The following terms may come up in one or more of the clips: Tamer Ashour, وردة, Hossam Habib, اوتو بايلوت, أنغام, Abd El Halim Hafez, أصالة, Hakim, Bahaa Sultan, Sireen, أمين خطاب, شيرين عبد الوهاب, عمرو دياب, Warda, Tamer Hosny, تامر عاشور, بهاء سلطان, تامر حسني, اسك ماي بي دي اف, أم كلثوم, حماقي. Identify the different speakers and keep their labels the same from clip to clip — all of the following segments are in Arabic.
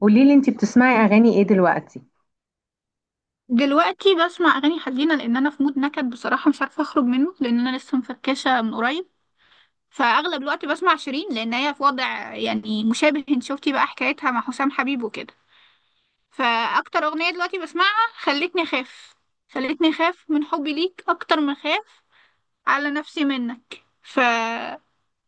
Speaker 1: قولي لي انتي بتسمعي اغاني ايه دلوقتي؟
Speaker 2: دلوقتي بسمع اغاني حزينه لان انا في مود نكد بصراحه، مش عارفه اخرج منه لان انا لسه مفركشه من قريب. فاغلب الوقت بسمع شيرين لان هي في وضع يعني مشابه. انت شفتي بقى حكايتها مع حسام حبيب وكده. فاكتر اغنيه دلوقتي بسمعها خلتني اخاف. خلتني اخاف من حبي ليك اكتر ما اخاف على نفسي منك.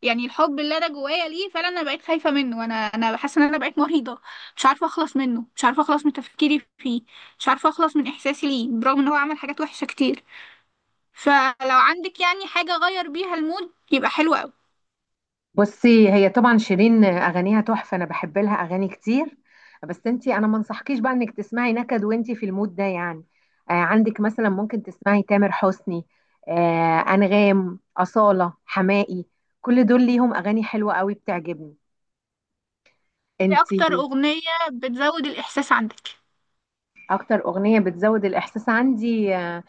Speaker 2: يعني الحب اللي انا جوايا ليه فعلا انا بقيت خايفه منه، وانا حاسه ان انا بقيت مريضه. مش عارفه اخلص منه، مش عارفه اخلص من تفكيري فيه، مش عارفه اخلص من احساسي ليه برغم ان هو عمل حاجات وحشه كتير. فلو عندك يعني حاجه غير بيها المود يبقى حلو قوي.
Speaker 1: بصي، هي طبعا شيرين اغانيها تحفه، انا بحب لها اغاني كتير. بس انتي انا ما انصحكيش بقى انك تسمعي نكد وانتي في المود ده يعني. آه، عندك مثلا ممكن تسمعي تامر حسني، آه، انغام، اصاله، حماقي. كل دول ليهم اغاني حلوه قوي بتعجبني.
Speaker 2: ايه
Speaker 1: انتي
Speaker 2: اكتر اغنيه بتزود الاحساس عندك؟
Speaker 1: اكتر اغنيه بتزود الاحساس عندي،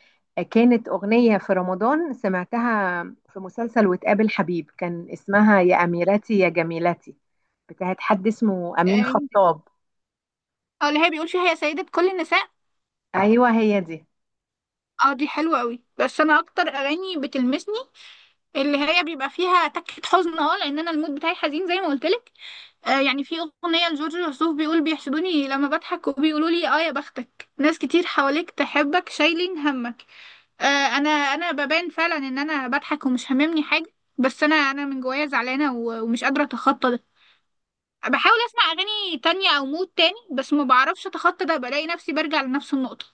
Speaker 1: كانت اغنيه في رمضان سمعتها في مسلسل وتقابل حبيب، كان اسمها يا اميرتي يا جميلتي، بتاعت حد اسمه امين
Speaker 2: اه.
Speaker 1: خطاب.
Speaker 2: آه، اللي هي بيقول فيها يا سيده كل النساء.
Speaker 1: ايوه هي دي.
Speaker 2: اه دي حلوه قوي بس انا اكتر اغاني بتلمسني اللي هي بيبقى فيها تكه حزن، اه لان انا المود بتاعي حزين زي ما قلت لك. يعني في أغنية لجورج وسوف بيقول بيحسدوني لما بضحك وبيقولوا لي اه يا بختك ناس كتير حواليك تحبك شايلين همك. آه. انا ببان فعلا ان انا بضحك ومش هاممني حاجة، بس انا من جوايا زعلانة و- ومش قادرة اتخطى ده. بحاول اسمع اغاني تانية او مود تاني بس ما بعرفش اتخطى ده، بلاقي نفسي برجع لنفس النقطة.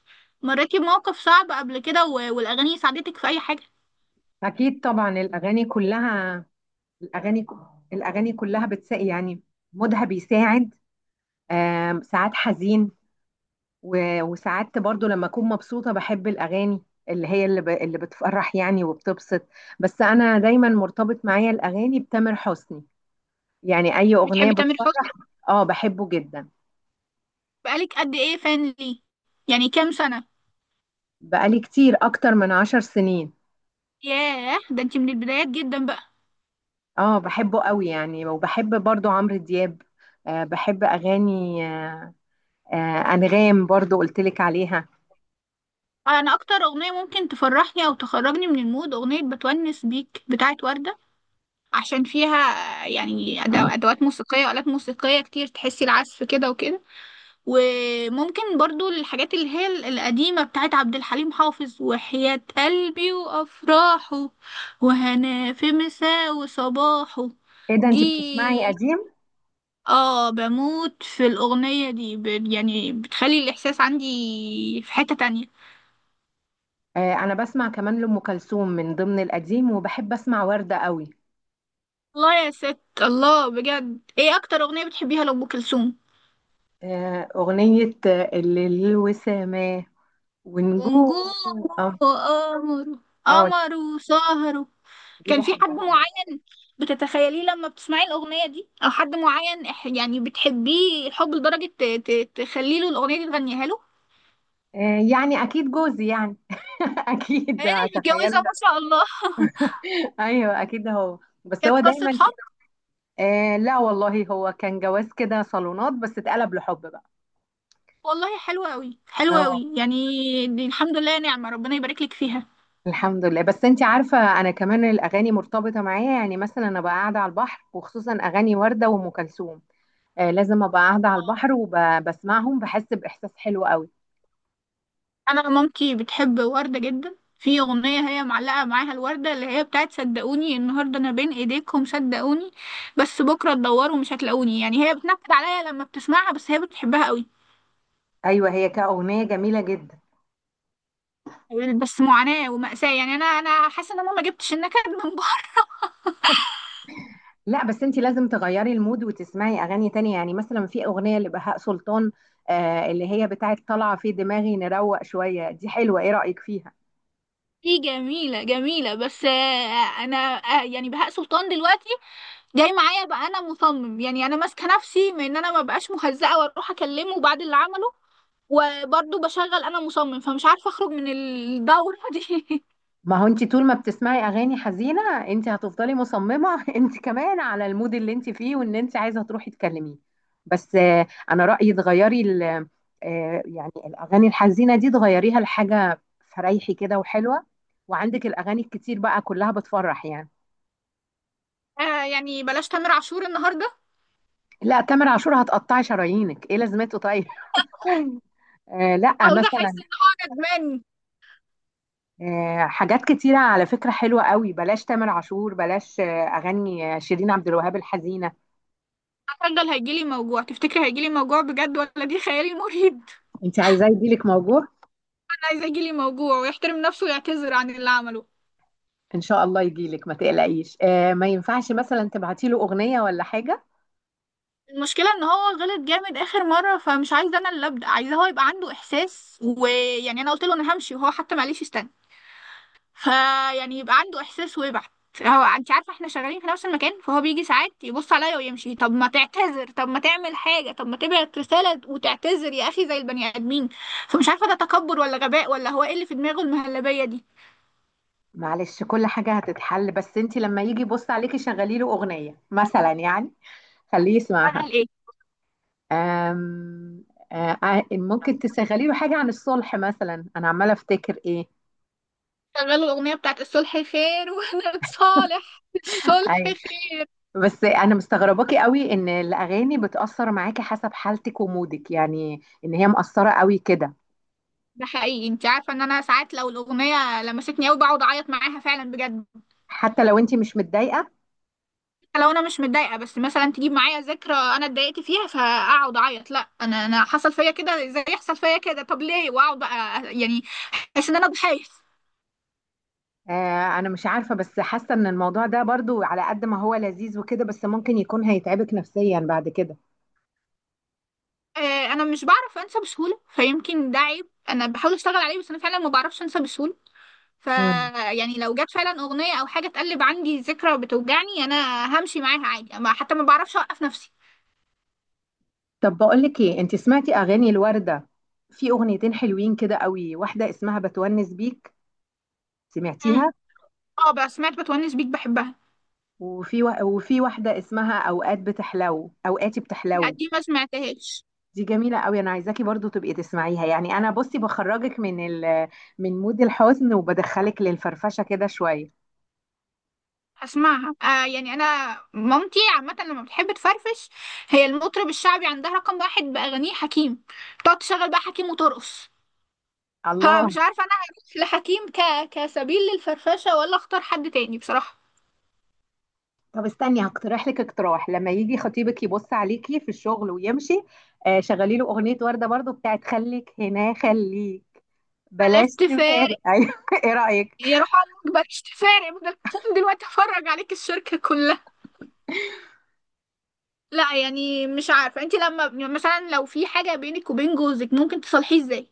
Speaker 2: مريتي بموقف صعب قبل كده و- والاغاني ساعدتك في اي حاجة؟
Speaker 1: اكيد طبعا الاغاني كلها، الاغاني الاغاني كلها بتساعد يعني، مودها بيساعد. ساعات حزين، وساعات برضو لما اكون مبسوطة بحب الاغاني اللي اللي بتفرح يعني وبتبسط. بس انا دايما مرتبط معايا الاغاني بتامر حسني، يعني اي اغنية
Speaker 2: بتحبي تامر حسني؟
Speaker 1: بتفرح. اه، بحبه جدا.
Speaker 2: بقالك قد ايه فان ليه؟ يعني كام سنة؟
Speaker 1: بقالي كتير، اكتر من 10 سنين.
Speaker 2: ياه ده انت من البدايات جدا بقى.
Speaker 1: اه بحبه قوي يعني، وبحب برضو عمرو دياب. بحب اغاني، آه انغام برضو قلتلك عليها.
Speaker 2: انا اكتر اغنيه ممكن تفرحني او تخرجني من المود اغنيه بتونس بيك بتاعت ورده، عشان فيها يعني ادوات موسيقيه والات موسيقيه كتير تحسي العزف كده وكده. وممكن برضو الحاجات اللي هي القديمه بتاعت عبد الحليم حافظ، وحياة قلبي وافراحه، وهنا في مساء وصباحه.
Speaker 1: ايه ده انت بتسمعي
Speaker 2: دي
Speaker 1: قديم؟
Speaker 2: اه بموت في الاغنيه دي، يعني بتخلي الاحساس عندي في حته تانية.
Speaker 1: آه انا بسمع كمان لام كلثوم من ضمن القديم، وبحب اسمع وردة قوي.
Speaker 2: الله يا ست الله! بجد ايه اكتر اغنية بتحبيها لأم كلثوم؟
Speaker 1: أغنية اللي الوسامة ونجوم.
Speaker 2: ونجوم.
Speaker 1: اه.
Speaker 2: وقمر.
Speaker 1: اه دي
Speaker 2: قمر وسهر.
Speaker 1: دي
Speaker 2: كان في حد
Speaker 1: بحبها قوي.
Speaker 2: معين بتتخيليه لما بتسمعي الأغنية دي، او حد معين يعني بتحبيه الحب لدرجة تخلي له الأغنية دي تغنيها له؟
Speaker 1: آه، يعني أكيد جوزي يعني. أكيد
Speaker 2: انا متجوزة
Speaker 1: أتخيل.
Speaker 2: ما شاء الله.
Speaker 1: أيوه أكيد هو، بس هو
Speaker 2: كانت قصة
Speaker 1: دايما
Speaker 2: حب؟
Speaker 1: ك... آه لا والله هو كان جواز كده صالونات بس اتقلب لحب بقى.
Speaker 2: والله حلوة أوي، حلوة
Speaker 1: اه.
Speaker 2: أوي يعني. دي الحمد لله نعمة، ربنا يبارك لك فيها.
Speaker 1: الحمد لله. بس انت عارفة انا كمان الاغاني مرتبطة معايا، يعني مثلا انا بقى قاعدة على البحر وخصوصا اغاني وردة وام كلثوم، آه لازم ابقى قاعدة على البحر وبسمعهم بحس باحساس حلو قوي.
Speaker 2: انا مامتي بتحب وردة جدا، في اغنية هي معلقة معاها الوردة اللي هي بتاعت صدقوني النهاردة انا بين ايديكم، صدقوني بس بكرة تدوروا مش هتلاقوني يعني. هي بتنكد عليا لما بتسمعها بس هي بتحبها قوي.
Speaker 1: ايوه هي كأغنية جميلة جدا.
Speaker 2: بس معاناة ومأساة يعني. انا حاسة ان انا ما جبتش النكد من بره.
Speaker 1: لا بس انت لازم تغيري المود وتسمعي اغاني تانية، يعني مثلا في اغنية لبهاء سلطان، آه، اللي هي بتاعت طالعة في دماغي نروق شوية، دي حلوة، ايه رأيك فيها؟
Speaker 2: دي جميلة جميلة بس، انا يعني بهاء سلطان دلوقتي جاي معايا بقى. انا مصمم يعني. انا ماسكة نفسي من ان انا ما بقاش مهزقة واروح اكلمه بعد اللي عمله، وبرضه بشغل انا مصمم، فمش عارفه اخرج من الدوره دي.
Speaker 1: ما هو انت طول ما بتسمعي اغاني حزينة، انت هتفضلي مصممة. انت كمان على المود اللي انت فيه وان انت عايزة تروحي تكلميه. بس انا رأيي تغيري آه يعني الاغاني الحزينة دي تغيريها لحاجة فريحي كده وحلوة، وعندك الاغاني الكتير بقى كلها بتفرح يعني.
Speaker 2: يعني بلاش تامر عاشور النهارده.
Speaker 1: لا تامر عاشور هتقطعي شرايينك، ايه لازمته طيب؟ آه لا
Speaker 2: عاوزه احس
Speaker 1: مثلا
Speaker 2: ان هو ندمان.
Speaker 1: آه، حاجات كتيرة على فكرة حلوة قوي. بلاش تامر عاشور، بلاش آه أغاني آه، شيرين عبد الوهاب الحزينة.
Speaker 2: هشغل هيجيلي موجوع. تفتكري هيجيلي موجوع بجد ولا دي خيالي المريب؟
Speaker 1: انت عايزاه يجيلك موجوع؟
Speaker 2: انا عايزه يجيلي موجوع ويحترم نفسه ويعتذر عن اللي عمله.
Speaker 1: ان شاء الله يجيلك ما تقلقيش. آه، ما ينفعش مثلا تبعتي له أغنية ولا حاجة؟
Speaker 2: المشكله ان هو غلط جامد اخر مره، فمش عايزه انا اللي ابدا. عايزه هو يبقى عنده احساس، ويعني انا قلت له انا همشي وهو حتى معلش استنى. فيعني يبقى عنده احساس ويبعت. هو انت عارفه احنا شغالين في نفس المكان، فهو بيجي ساعات يبص عليا ويمشي. طب ما تعتذر، طب ما تعمل حاجه، طب ما تبعت رساله وتعتذر يا اخي زي البني ادمين. فمش عارفه ده تكبر ولا غباء، ولا هو ايه اللي في دماغه المهلبيه دي.
Speaker 1: معلش كل حاجة هتتحل، بس انت لما يجي يبص عليكي شغلي له أغنية مثلا يعني، خليه يسمعها.
Speaker 2: شغال ايه؟
Speaker 1: آم آه آه، ممكن تشغلي له حاجة عن الصلح مثلا، أنا عمالة أفتكر إيه.
Speaker 2: شغال الاغنيه بتاعت الصلح خير. واحنا بتصالح الصلح
Speaker 1: ايوه.
Speaker 2: خير.
Speaker 1: بس انا مستغرباكي قوي ان الاغاني بتاثر معاكي حسب حالتك ومودك، يعني ان هي مأثره قوي كده
Speaker 2: ده حقيقي. انت عارفه ان انا ساعات لو الاغنيه لمستني قوي بقعد اعيط معاها فعلا بجد.
Speaker 1: حتى لو انت مش متضايقه.
Speaker 2: لو انا مش متضايقه بس مثلا تجيب معايا ذكرى انا اتضايقت فيها، فاقعد اعيط، لا انا حصل فيا كده زي يحصل فيا كده. طب ليه واقعد بقى يعني؟ احس ان انا ضحيه.
Speaker 1: آه انا مش عارفه، بس حاسه ان الموضوع ده برضو على قد ما هو لذيذ وكده، بس ممكن يكون هيتعبك نفسيا بعد كده.
Speaker 2: آه، انا مش بعرف انسى بسهوله، فيمكن ده عيب. انا بحاول اشتغل عليه بس انا فعلا ما بعرفش انسى بسهوله. ف
Speaker 1: مم.
Speaker 2: يعني لو جت فعلا اغنيه او حاجه تقلب عندي ذكرى بتوجعني انا همشي معاها عادي، ما حتى ما بعرفش اوقف نفسي.
Speaker 1: طب بقول لك ايه، انت سمعتي اغاني الورده؟ في اغنيتين حلوين كده قوي، واحده اسمها بتونس بيك،
Speaker 2: مم.
Speaker 1: سمعتيها؟
Speaker 2: اه بس سمعت بتونس بيك بحبها.
Speaker 1: وفي واحده اسمها اوقات بتحلو، اوقاتي
Speaker 2: لا
Speaker 1: بتحلو،
Speaker 2: دي ما سمعتهاش.
Speaker 1: دي جميلة قوي. انا عايزاكي برضو تبقي تسمعيها، يعني انا بصي بخرجك من من مود الحزن وبدخلك للفرفشة كده شوية.
Speaker 2: هسمعها. يعني انا مامتي عامه لما بتحب تفرفش هي المطرب الشعبي عندها رقم واحد باغانيه حكيم. تقعد تشغل بقى حكيم وترقص.
Speaker 1: الله.
Speaker 2: فمش عارفه انا هروح لحكيم كسبيل للفرفشه ولا اختار حد تاني بصراحه.
Speaker 1: طب استني هقترح لك اقتراح، لما يجي خطيبك يبص عليكي في الشغل ويمشي، آه شغلي له اغنية وردة برضو بتاعت خليك هنا خليك
Speaker 2: بلاش
Speaker 1: بلاش تفارق.
Speaker 2: تفارق.
Speaker 1: ايوه، ايه رأيك؟
Speaker 2: يا روح عليك بلاش تفارق بدل. دلوقتي افرج عليك الشركه كلها. لا يعني مش عارفه. انت لما يعني مثلا لو في حاجه بينك وبين جوزك ممكن تصلحيه ازاي؟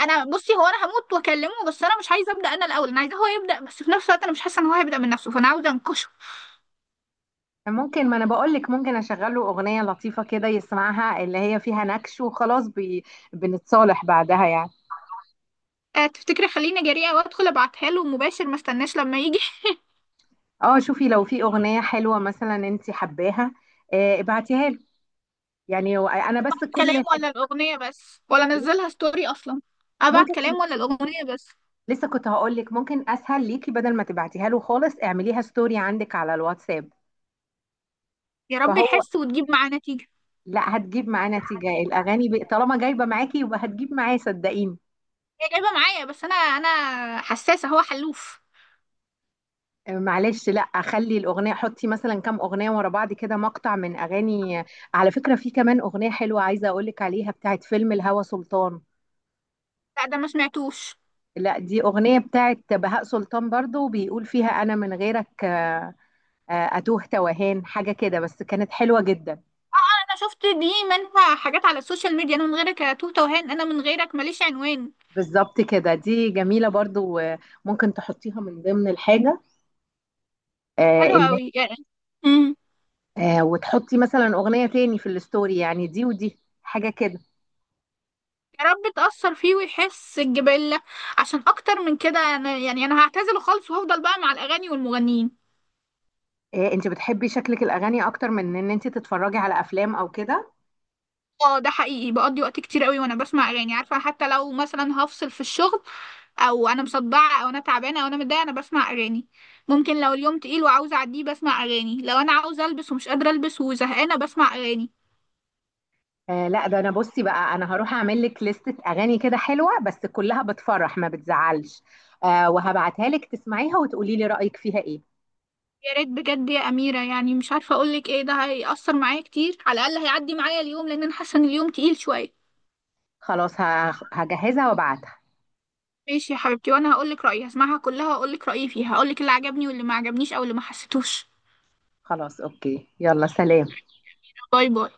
Speaker 2: انا بصي هو انا هموت واكلمه، بس انا مش عايزه ابدا انا الاول. انا عايزاه هو يبدا، بس في نفس الوقت انا مش حاسه ان هو هيبدا من نفسه، فانا عاوزه انكشه.
Speaker 1: ممكن، ما انا بقول لك ممكن اشغل له اغنية لطيفة كده يسمعها، اللي هي فيها نكش وخلاص بنتصالح بعدها يعني.
Speaker 2: أه تفتكري خليني جريئه وادخل ابعتها له مباشر ما استناش لما يجي؟
Speaker 1: اه شوفي لو في اغنيه حلوه مثلا انت حباها، آه، ابعتيها لي، يعني انا بس كل
Speaker 2: كلام
Speaker 1: الحكايه.
Speaker 2: ولا الاغنيه بس؟ ولا انزلها ستوري اصلا؟ ابعت
Speaker 1: ممكن
Speaker 2: كلام
Speaker 1: ت-
Speaker 2: ولا الاغنيه بس؟
Speaker 1: لسه كنت هقول لك ممكن اسهل ليكي، بدل ما تبعتيها له خالص اعمليها ستوري عندك على الواتساب.
Speaker 2: يا رب
Speaker 1: فهو،
Speaker 2: يحس وتجيب معاه نتيجه.
Speaker 1: لا هتجيب معاه نتيجه الاغاني طالما جايبه معاكي يبقى هتجيب معاه صدقيني.
Speaker 2: هي جايبه معايا بس انا حساسه هو حلوف.
Speaker 1: آه، معلش لا خلي الاغنيه، حطي مثلا كام اغنيه ورا بعض كده مقطع من اغاني. على فكره في كمان اغنيه حلوه عايزه اقول لك عليها بتاعت فيلم الهوى سلطان.
Speaker 2: لا ده ما سمعتوش.
Speaker 1: لا دي أغنية بتاعت بهاء سلطان برضو بيقول فيها أنا من غيرك، آه، أتوه توهان حاجة كده، بس كانت حلوة جدا.
Speaker 2: انا شفت دي منها حاجات على السوشيال ميديا: انا من غيرك يا توته وهان، انا من غيرك ماليش عنوان.
Speaker 1: بالظبط كده، دي جميلة برضو، آه، ممكن تحطيها من ضمن الحاجة آه،
Speaker 2: حلو
Speaker 1: اللي
Speaker 2: قوي يعني. مم.
Speaker 1: آه، وتحطي مثلا أغنية تاني في الستوري يعني، دي ودي حاجة كده.
Speaker 2: يا رب تأثر فيه ويحس الجبلة. عشان أكتر من كده أنا يعني، أنا هعتزله خالص وأفضل بقى مع الأغاني والمغنيين.
Speaker 1: آه، انت بتحبي شكلك الأغاني أكتر من إن انت تتفرجي على أفلام أو كده.
Speaker 2: اه ده حقيقي. بقضي وقت كتير قوي وأنا بسمع أغاني. عارفة حتى لو مثلا هفصل في الشغل أو أنا مصدعة أو أنا تعبانة أو أنا متضايقة أنا بسمع أغاني. ممكن لو اليوم تقيل وعاوزة أعديه بسمع أغاني. لو أنا عاوزة ألبس ومش قادرة ألبس وزهقانة بسمع أغاني.
Speaker 1: آه لا ده انا بصي بقى انا هروح اعمل لك لستة اغاني كده حلوة بس كلها بتفرح ما بتزعلش، آه وهبعتها لك تسمعيها وتقولي لي رأيك فيها ايه.
Speaker 2: يا ريت بجد يا أميرة. يعني مش عارفة أقولك إيه. ده هيأثر معايا كتير. على الأقل هيعدي معايا اليوم، لأن أنا حاسة إن اليوم تقيل شوية.
Speaker 1: خلاص هجهزها وابعتها.
Speaker 2: ماشي يا حبيبتي، وانا هقولك رأيي. هسمعها كلها واقولك رأيي فيها. هقولك اللي عجبني واللي ما عجبنيش او اللي ما حسيتوش.
Speaker 1: خلاص اوكي، يلا سلام.
Speaker 2: باي باي.